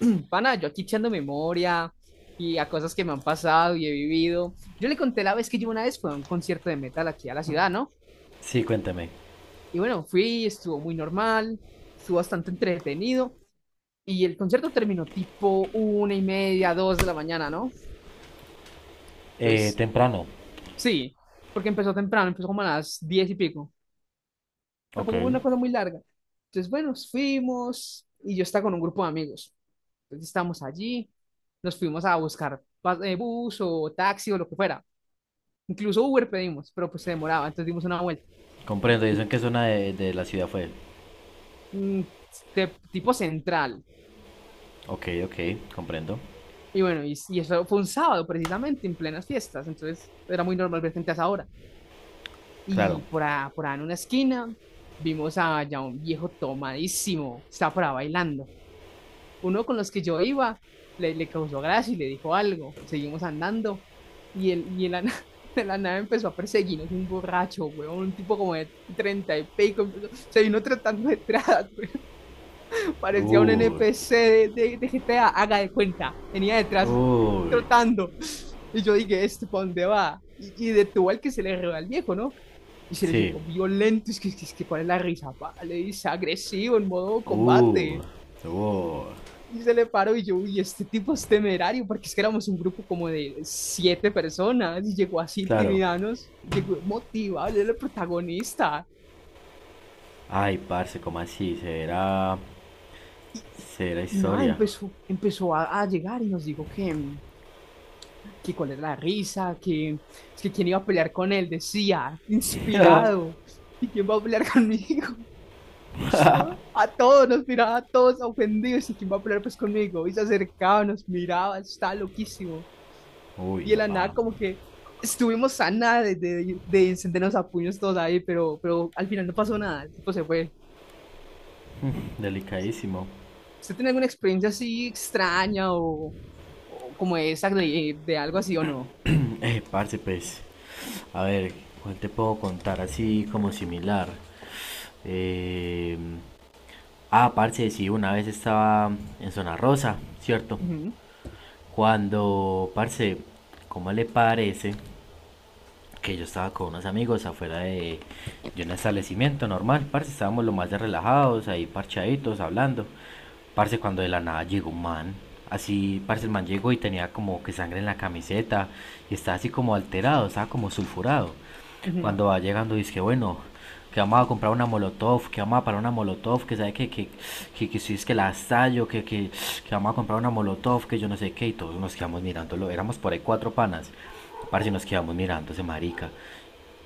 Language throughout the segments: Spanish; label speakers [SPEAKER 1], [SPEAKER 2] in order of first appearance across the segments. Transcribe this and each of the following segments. [SPEAKER 1] Pana, yo aquí echando memoria y a cosas que me han pasado y he vivido. Yo le conté la vez que yo una vez fui a un concierto de metal aquí a la ciudad, ¿no?
[SPEAKER 2] Sí, cuéntame.
[SPEAKER 1] Y bueno, fui, estuvo muy normal, estuvo bastante entretenido y el concierto terminó tipo una y media, dos de la mañana, ¿no? Pues
[SPEAKER 2] Temprano.
[SPEAKER 1] sí, porque empezó temprano, empezó como a las diez y pico.
[SPEAKER 2] Ok,
[SPEAKER 1] Tampoco fue una cosa muy larga. Entonces, bueno, fuimos y yo estaba con un grupo de amigos. Entonces estábamos allí, nos fuimos a buscar bus o taxi o lo que fuera. Incluso Uber pedimos, pero pues se demoraba, entonces dimos una vuelta.
[SPEAKER 2] comprendo. ¿Y
[SPEAKER 1] Y,
[SPEAKER 2] eso en qué zona de la ciudad fue?
[SPEAKER 1] mm, de tipo central.
[SPEAKER 2] Ok, ok, comprendo.
[SPEAKER 1] Y bueno, y eso fue un sábado precisamente, en plenas fiestas, entonces era muy normal ver gente a esa hora.
[SPEAKER 2] Claro.
[SPEAKER 1] Y por ahí en una esquina vimos a ya un viejo tomadísimo, estaba por ahí bailando. Uno con los que yo iba le causó gracia y le dijo algo. Seguimos andando y de la nave empezó a perseguirnos un borracho, weón, un tipo como de treinta y pico, se vino tratando detrás. Parecía un
[SPEAKER 2] Uy,
[SPEAKER 1] NPC de GTA, haga de cuenta. Venía detrás
[SPEAKER 2] uy,
[SPEAKER 1] trotando. Y yo dije, ¿este para dónde va? Y detuvo al que se le roba al viejo, ¿no? Y se le
[SPEAKER 2] sí.
[SPEAKER 1] llegó violento. ¿Cuál es la risa? ¿pa? Le dice agresivo, en modo
[SPEAKER 2] Uy,
[SPEAKER 1] combate.
[SPEAKER 2] uy,
[SPEAKER 1] Y se le paró y yo, uy, este tipo es temerario, porque es que éramos un grupo como de siete personas y llegó así
[SPEAKER 2] claro.
[SPEAKER 1] intimidanos, llegó motivado, él era el protagonista.
[SPEAKER 2] Ay, parce, ¿cómo así?
[SPEAKER 1] Y,
[SPEAKER 2] Será
[SPEAKER 1] y nada,
[SPEAKER 2] historia.
[SPEAKER 1] empezó a llegar y nos dijo que cuál era la risa, que es que quién iba a pelear con él, decía, inspirado. ¿Y quién va a pelear conmigo? A todos, nos miraba a todos ofendidos. ¿Y quién va a pelear pues conmigo? Y se acercaba, nos miraba, estaba loquísimo. Y
[SPEAKER 2] Uy,
[SPEAKER 1] de la
[SPEAKER 2] apá,
[SPEAKER 1] nada como que estuvimos a nada de, de encendernos a puños todos ahí, pero al final no pasó nada, el tipo se fue.
[SPEAKER 2] delicadísimo.
[SPEAKER 1] ¿Usted tiene alguna experiencia así extraña o como esa de algo así o no?
[SPEAKER 2] Parce, pues, a ver, ¿cuál te puedo contar así como similar? Eh, Ah, parce, sí, una vez estaba en Zona Rosa, ¿cierto?
[SPEAKER 1] Ujú,
[SPEAKER 2] Cuando, parce, ¿cómo le parece que yo estaba con unos amigos afuera de un establecimiento normal, parce, estábamos lo más de relajados, ahí parchaditos, hablando? Parce, cuando de la nada llegó un man, así, parce, el man llegó y tenía como que sangre en la camiseta y estaba así como alterado, estaba como sulfurado.
[SPEAKER 1] ujú,
[SPEAKER 2] Cuando va llegando dice que bueno, que vamos a comprar una molotov, que vamos a parar una molotov, que sabe que si es que la estallo, que vamos a comprar una molotov, que yo no sé qué, y todos nos quedamos mirándolo, éramos por ahí cuatro panas. Parce, nos quedamos mirando ese marica.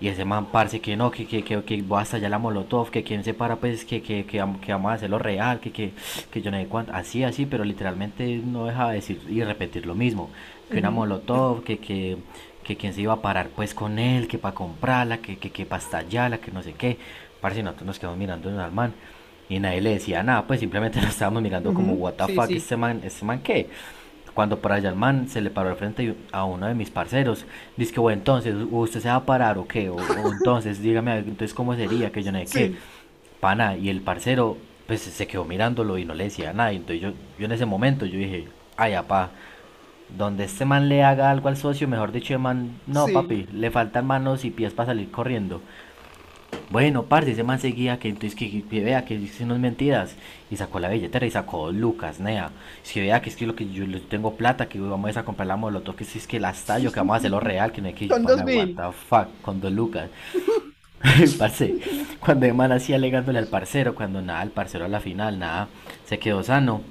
[SPEAKER 2] Y ese man, parce, que no, que voy hasta allá la molotov, que quien se para, pues, que vamos a hacerlo real, que yo no sé cuánto. Así, así, pero literalmente no deja de decir y repetir lo mismo. Que una
[SPEAKER 1] ujú,
[SPEAKER 2] molotov, Que quien se iba a parar, pues, con él, que para comprarla, que para estallarla, que no sé qué. Parce, nosotros nos quedamos mirando al man. Y nadie le decía nada, pues simplemente nos estábamos mirando como,
[SPEAKER 1] ujú.
[SPEAKER 2] what the
[SPEAKER 1] Sí,
[SPEAKER 2] fuck,
[SPEAKER 1] sí.
[SPEAKER 2] este man qué. Cuando por allá el man se le paró al frente a uno de mis parceros, dice que, bueno, entonces, ¿usted se va a parar o qué? O entonces, dígame, a ver, entonces, ¿cómo sería? Que yo no sé qué,
[SPEAKER 1] Sí,
[SPEAKER 2] pana, y el parcero, pues, se quedó mirándolo y no le decía nada, y entonces yo en ese momento, yo dije, ay, apá, donde este man le haga algo al socio, mejor dicho, el man, no,
[SPEAKER 1] sí.
[SPEAKER 2] papi, le faltan manos y pies para salir corriendo. Bueno, parce, ese man seguía que entonces vea que hice unas mentiras y sacó la billetera y sacó dos lucas, nea. Si vea que es que lo que yo le tengo plata, que vamos a comprar la molotov, que si es que la estallo, que vamos a hacerlo real, que no hay que yo,
[SPEAKER 1] Con dos
[SPEAKER 2] pana, what
[SPEAKER 1] mil.
[SPEAKER 2] the fuck, con dos lucas. Parce, cuando el man así alegándole al parcero, cuando nada, el parcero a la final, nada, se quedó sano.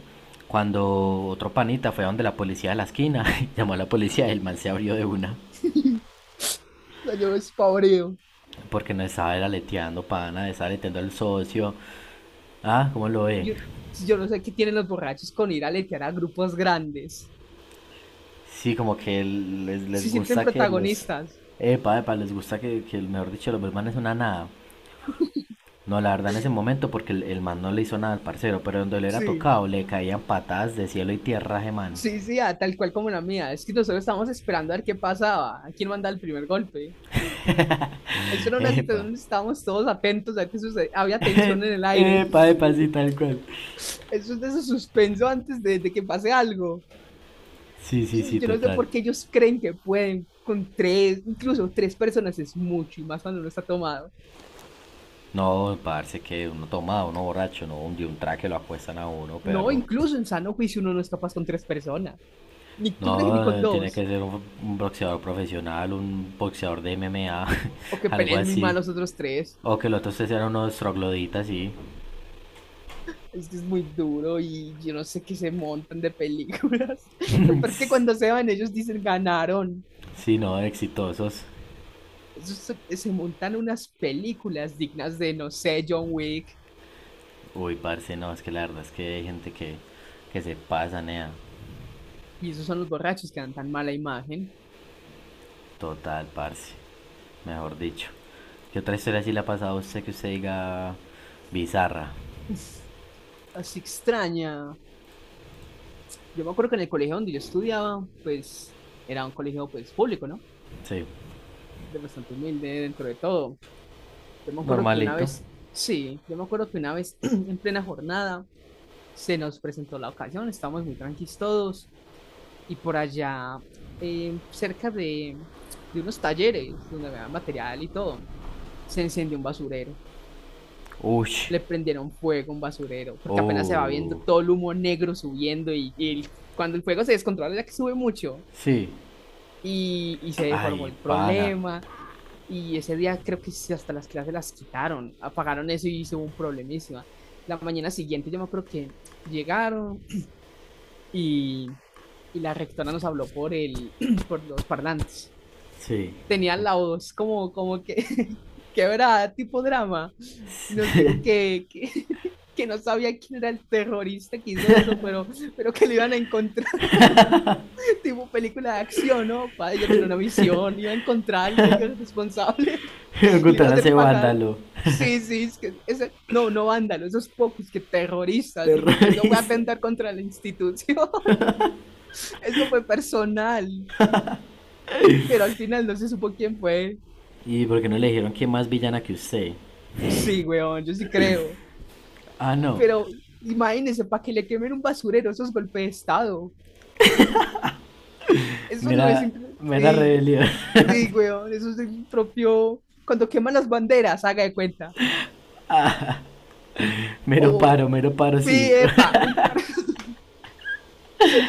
[SPEAKER 2] Cuando otro panita fue a donde la policía de la esquina, llamó a la policía y el man se abrió de una,
[SPEAKER 1] Salió despavoreo.
[SPEAKER 2] porque no estaba era leteando, pana, estaba leteando al socio. Ah, ¿cómo lo ve?
[SPEAKER 1] Yo, yo no sé qué tienen los borrachos con ir a letear a grupos grandes.
[SPEAKER 2] Sí, como que les
[SPEAKER 1] Se sienten
[SPEAKER 2] gusta que los...
[SPEAKER 1] protagonistas.
[SPEAKER 2] Epa, epa, les gusta que mejor dicho, los man es una nada. No, la verdad en ese momento porque el man no le hizo nada al parcero, pero donde le era
[SPEAKER 1] Sí,
[SPEAKER 2] tocado le caían patadas de cielo y tierra a ese man.
[SPEAKER 1] sí, sí, ah, tal cual como la mía. Es que nosotros estábamos esperando a ver qué pasaba, a quién manda el primer golpe. Eso era una
[SPEAKER 2] Epa.
[SPEAKER 1] situación donde estábamos todos atentos a ver qué sucede. Había tensión en el aire.
[SPEAKER 2] Epa, epa, sí, tal cual.
[SPEAKER 1] Eso es de ese suspenso antes de que pase algo.
[SPEAKER 2] Sí, sí, sí,
[SPEAKER 1] Yo no sé
[SPEAKER 2] total.
[SPEAKER 1] por qué ellos creen que pueden con tres, incluso tres personas es mucho y más cuando uno está tomado.
[SPEAKER 2] No, parce, que uno tomado, uno borracho, no, un, de un traque lo acuestan a uno,
[SPEAKER 1] No,
[SPEAKER 2] perro.
[SPEAKER 1] incluso en sano juicio uno no es capaz con tres personas. Ni, ¿tú crees que ni con
[SPEAKER 2] No, tiene que
[SPEAKER 1] dos?
[SPEAKER 2] ser un boxeador profesional, un boxeador de MMA,
[SPEAKER 1] O que
[SPEAKER 2] algo
[SPEAKER 1] peleen muy mal
[SPEAKER 2] así.
[SPEAKER 1] los otros tres.
[SPEAKER 2] O que los otros tres eran unos trogloditas, sí.
[SPEAKER 1] Es que es muy duro y yo no sé qué se montan de películas. Lo peor es que cuando se van ellos dicen ganaron.
[SPEAKER 2] Sí, no, exitosos.
[SPEAKER 1] Esos se, se montan unas películas dignas de, no sé, John Wick.
[SPEAKER 2] Uy, parce, no, es que la verdad es que hay gente que se pasa, nea.
[SPEAKER 1] Y esos son los borrachos que dan tan mala imagen.
[SPEAKER 2] Total, parce. Mejor dicho. ¿Qué otra historia sí le ha pasado a usted que usted diga bizarra?
[SPEAKER 1] Uf, así extraña. Yo me acuerdo que en el colegio donde yo estudiaba, pues era un colegio pues público, ¿no?
[SPEAKER 2] Sí.
[SPEAKER 1] De bastante humilde dentro de todo. Yo me acuerdo que una
[SPEAKER 2] Normalito.
[SPEAKER 1] vez, sí, yo me acuerdo que una vez en plena jornada se nos presentó la ocasión, estábamos muy tranquilos todos y por allá cerca de unos talleres donde me dan material y todo, se encendió un basurero.
[SPEAKER 2] Ush.
[SPEAKER 1] Le prendieron fuego a un basurero, porque apenas se va viendo
[SPEAKER 2] Oh.
[SPEAKER 1] todo el humo negro subiendo y, cuando el fuego se descontrola, ya que sube mucho,
[SPEAKER 2] Sí.
[SPEAKER 1] y se deformó
[SPEAKER 2] Ay,
[SPEAKER 1] el
[SPEAKER 2] pana.
[SPEAKER 1] problema. Y ese día creo que sí, hasta las clases las quitaron, apagaron eso y hizo un problemísima. La mañana siguiente yo me acuerdo que llegaron y, y la rectora nos habló por, el, por los parlantes.
[SPEAKER 2] Sí.
[SPEAKER 1] Tenían la voz como, como que quebrada, tipo drama. Nos dijo que no sabía quién era el terrorista que hizo eso, pero que lo iban a encontrar. Tipo película de acción, ¿no? Para ella tiene una misión, iba a encontrar al responsable, le iba a
[SPEAKER 2] Gutana hace
[SPEAKER 1] hacer pagar.
[SPEAKER 2] vándalo.
[SPEAKER 1] Sí, sí, es que ese, no, no vándalo, esos pocos que terroristas, digo, es que eso voy a
[SPEAKER 2] Terrorista.
[SPEAKER 1] atentar contra la institución, eso fue personal, pero al final no se supo quién fue.
[SPEAKER 2] ¿Y por qué no le dijeron que más villana que usted?
[SPEAKER 1] Sí, weón, yo sí creo,
[SPEAKER 2] Ah, no.
[SPEAKER 1] pero imagínense, para que le quemen un basurero, esos golpes de Estado, eso no es,
[SPEAKER 2] Mera, mera
[SPEAKER 1] sí,
[SPEAKER 2] rebelión.
[SPEAKER 1] sí, weón, eso es el propio, cuando queman las banderas, haga de cuenta. O,
[SPEAKER 2] Mero paro
[SPEAKER 1] sí,
[SPEAKER 2] cívico.
[SPEAKER 1] epa, un par,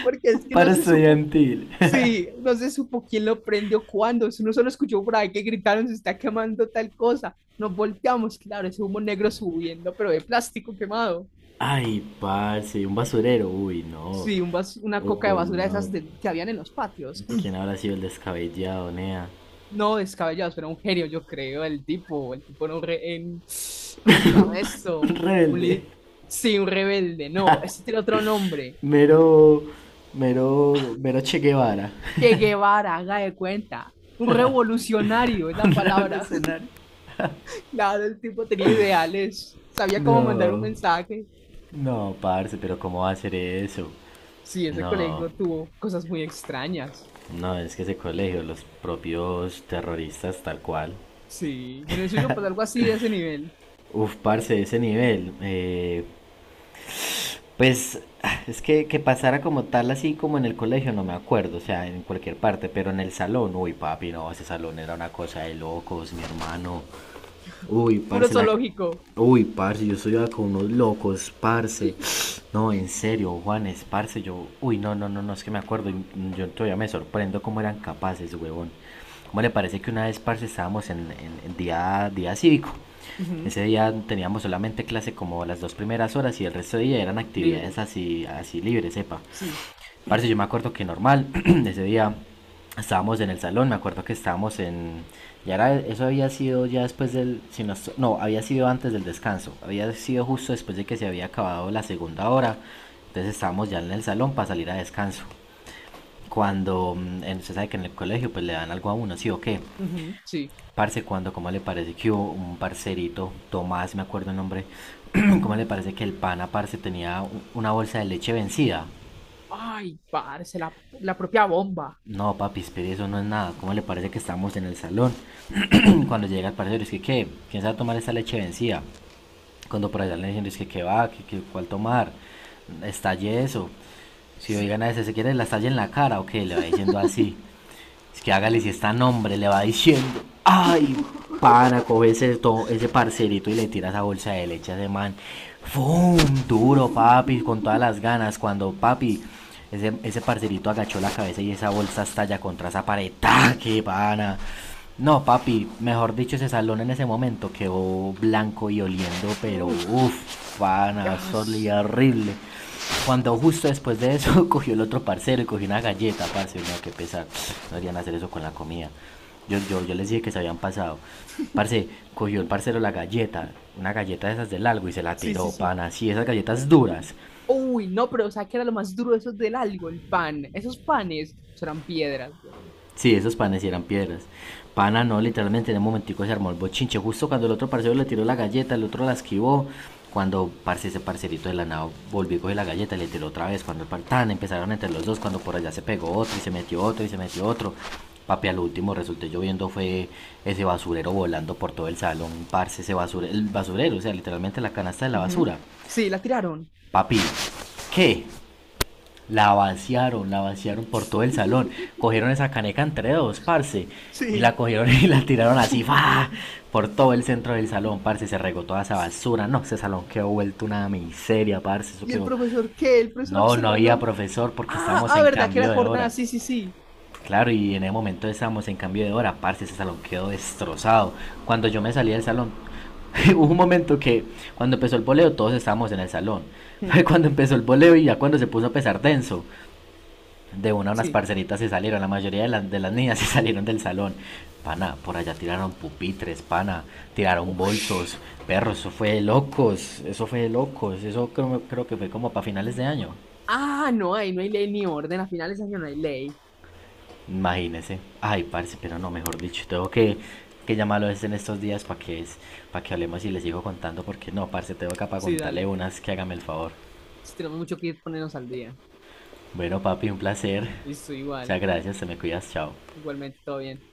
[SPEAKER 1] porque es que no
[SPEAKER 2] Paro
[SPEAKER 1] se supo,
[SPEAKER 2] estudiantil.
[SPEAKER 1] sí, no se supo quién lo prendió cuándo. Eso uno solo escuchó por ahí que gritaron, se está quemando tal cosa. Nos volteamos, claro, ese humo negro subiendo, pero de plástico quemado.
[SPEAKER 2] Ay, parce, un basurero. Uy, no.
[SPEAKER 1] Sí, una coca de
[SPEAKER 2] Uy,
[SPEAKER 1] basura de
[SPEAKER 2] no.
[SPEAKER 1] esas que habían en los patios.
[SPEAKER 2] ¿Quién habrá sido el descabellado, nea?
[SPEAKER 1] No descabellados, pero un genio, yo creo, el tipo no re- en, ¿cómo se llama
[SPEAKER 2] Un
[SPEAKER 1] esto? Un
[SPEAKER 2] rebelde.
[SPEAKER 1] li- sí, un rebelde, no, este tiene otro nombre.
[SPEAKER 2] Mero, mero, mero Che Guevara.
[SPEAKER 1] Che Guevara, haga de cuenta. Un revolucionario es
[SPEAKER 2] Un
[SPEAKER 1] la palabra.
[SPEAKER 2] revolucionario.
[SPEAKER 1] Claro, el tipo tenía ideales, sabía cómo mandar un
[SPEAKER 2] No,
[SPEAKER 1] mensaje.
[SPEAKER 2] no, parce, pero ¿cómo va a hacer eso?
[SPEAKER 1] Sí, ese
[SPEAKER 2] No,
[SPEAKER 1] colegio tuvo cosas muy extrañas.
[SPEAKER 2] no, es que ese colegio, los propios terroristas tal cual.
[SPEAKER 1] Sí, en el suyo, pues algo así de ese nivel.
[SPEAKER 2] Uf, parce, ese nivel. Pues es que pasara como tal así como en el colegio, no me acuerdo, o sea, en cualquier parte, pero en el salón, uy, papi, no, ese salón era una cosa de locos, mi hermano. Uy,
[SPEAKER 1] Puro
[SPEAKER 2] parce, la...
[SPEAKER 1] zoológico.
[SPEAKER 2] Uy, parce, yo estudiaba con unos locos, parce. No, en serio, Juanes, parce, yo... Uy, no, no, no, no, es que me acuerdo, yo todavía me sorprendo cómo eran capaces, huevón. ¿Cómo le parece que una vez, parce, estábamos en día, día cívico?
[SPEAKER 1] Ujú,
[SPEAKER 2] Ese día teníamos solamente clase como las dos primeras horas y el resto de día eran actividades
[SPEAKER 1] libre.
[SPEAKER 2] así libres, sepa.
[SPEAKER 1] Sí.
[SPEAKER 2] Parce, yo me acuerdo que normal, ese día estábamos en el salón, me acuerdo que estábamos en... Ya era, eso había sido ya después del... No, había sido antes del descanso, había sido justo después de que se había acabado la segunda hora, entonces estábamos ya en el salón para salir a descanso. Cuando, usted sabe que en el colegio pues le dan algo a uno, sí o qué.
[SPEAKER 1] Ujú, sí.
[SPEAKER 2] Parce, cuando, ¿cómo le parece que hubo un parcerito, Tomás, me acuerdo el nombre, ¿cómo le parece que el pana, parce, tenía una bolsa de leche vencida?
[SPEAKER 1] Ay, parce, la propia bomba.
[SPEAKER 2] No, papi, espere, eso no es nada. ¿Cómo le parece que estamos en el salón? Cuando llega el parcero, es que, ¿qué? ¿Quién sabe tomar esa leche vencida? Cuando por allá le dicen, es que, ¿qué va? ¿Cuál tomar? Estalle eso. Si oigan a ese, se quiere la estalle en la cara o qué, le va diciendo así. Es que hágale si está nombre, le va diciendo. Ay, pana, coge ese, ese parcerito y le tira esa bolsa de leche a ese man. ¡Fum! Duro, papi, con todas las ganas. Cuando papi, ese parcerito agachó la cabeza y esa bolsa estalla contra esa pared. ¡Ah, ¡Qué pana! No, papi, mejor dicho, ese salón en ese momento quedó blanco y oliendo, pero
[SPEAKER 1] Uf,
[SPEAKER 2] uff, pana, eso
[SPEAKER 1] gas.
[SPEAKER 2] olía horrible. Cuando justo después de eso cogió el otro parcero y cogió una galleta, parce, no, qué pesar, no deberían hacer eso con la comida. Yo les dije que se habían pasado. Parce, cogió el parcero la galleta, una galleta de esas del algo y se la
[SPEAKER 1] Sí,
[SPEAKER 2] tiró,
[SPEAKER 1] sí, sí.
[SPEAKER 2] pana, así, esas galletas duras.
[SPEAKER 1] Uy, no, pero o sea, que era lo más duro de esos del algo, el pan. Esos panes pues, eran piedras. Weón.
[SPEAKER 2] Sí, esos panes sí eran piedras. Pana no, literalmente en un momentico se armó el bochinche. Justo cuando el otro parcero le tiró la galleta, el otro la esquivó. Cuando parce, ese parcerito de la nao volvió a coger la galleta, le tiró otra vez. Cuando tan empezaron entre los dos, cuando por allá se pegó otro y se metió otro y se metió otro. Papi, al último resulté yo viendo fue ese basurero volando por todo el salón. Parce, el basurero, o sea, literalmente la canasta de la
[SPEAKER 1] Ujú.
[SPEAKER 2] basura.
[SPEAKER 1] Sí, la tiraron.
[SPEAKER 2] Papi, ¿qué? La vaciaron por todo el salón. Cogieron esa caneca entre dos, parce. Y la
[SPEAKER 1] Sí.
[SPEAKER 2] cogieron y la tiraron así, ¡fa! Por todo el centro del salón, parce. Se regó toda esa basura. No, ese salón quedó vuelto una miseria, parce. Eso
[SPEAKER 1] ¿Y el
[SPEAKER 2] quedó.
[SPEAKER 1] profesor qué? El profesor
[SPEAKER 2] No, no
[SPEAKER 1] observando.
[SPEAKER 2] había profesor porque
[SPEAKER 1] Ah,
[SPEAKER 2] estábamos
[SPEAKER 1] ah,
[SPEAKER 2] en
[SPEAKER 1] verdad, que era
[SPEAKER 2] cambio de
[SPEAKER 1] jornada.
[SPEAKER 2] hora.
[SPEAKER 1] Sí, sí, sí.
[SPEAKER 2] Claro, y en ese momento estábamos en cambio de hora, parce. Ese salón quedó destrozado. Cuando yo me salí del salón, hubo un momento que cuando empezó el voleo todos estábamos en el salón.
[SPEAKER 1] Mm.
[SPEAKER 2] Cuando empezó el voleo y ya cuando se puso a pesar denso, de una unas
[SPEAKER 1] Sí.
[SPEAKER 2] parceritas se salieron, la mayoría de las niñas se salieron del salón. Pana, por allá tiraron pupitres, pana, tiraron
[SPEAKER 1] Ush.
[SPEAKER 2] bolsos, perros, eso fue de locos, eso fue de locos, eso creo, creo que fue como para finales de año.
[SPEAKER 1] Ah, no, ahí no hay ley ni orden. A finales de año no hay ley.
[SPEAKER 2] Imagínese. Ay, parce, pero no, mejor dicho, tengo que llamarlo es en estos días para que, es, para que hablemos y les sigo contando, porque no, parce, tengo acá para
[SPEAKER 1] Sí,
[SPEAKER 2] contarle
[SPEAKER 1] dale.
[SPEAKER 2] unas que hágame el favor.
[SPEAKER 1] Sí, tenemos mucho que ponernos al día.
[SPEAKER 2] Bueno, papi, un placer.
[SPEAKER 1] Listo, igual.
[SPEAKER 2] Muchas gracias, te me cuidas, chao.
[SPEAKER 1] Igualmente, todo bien.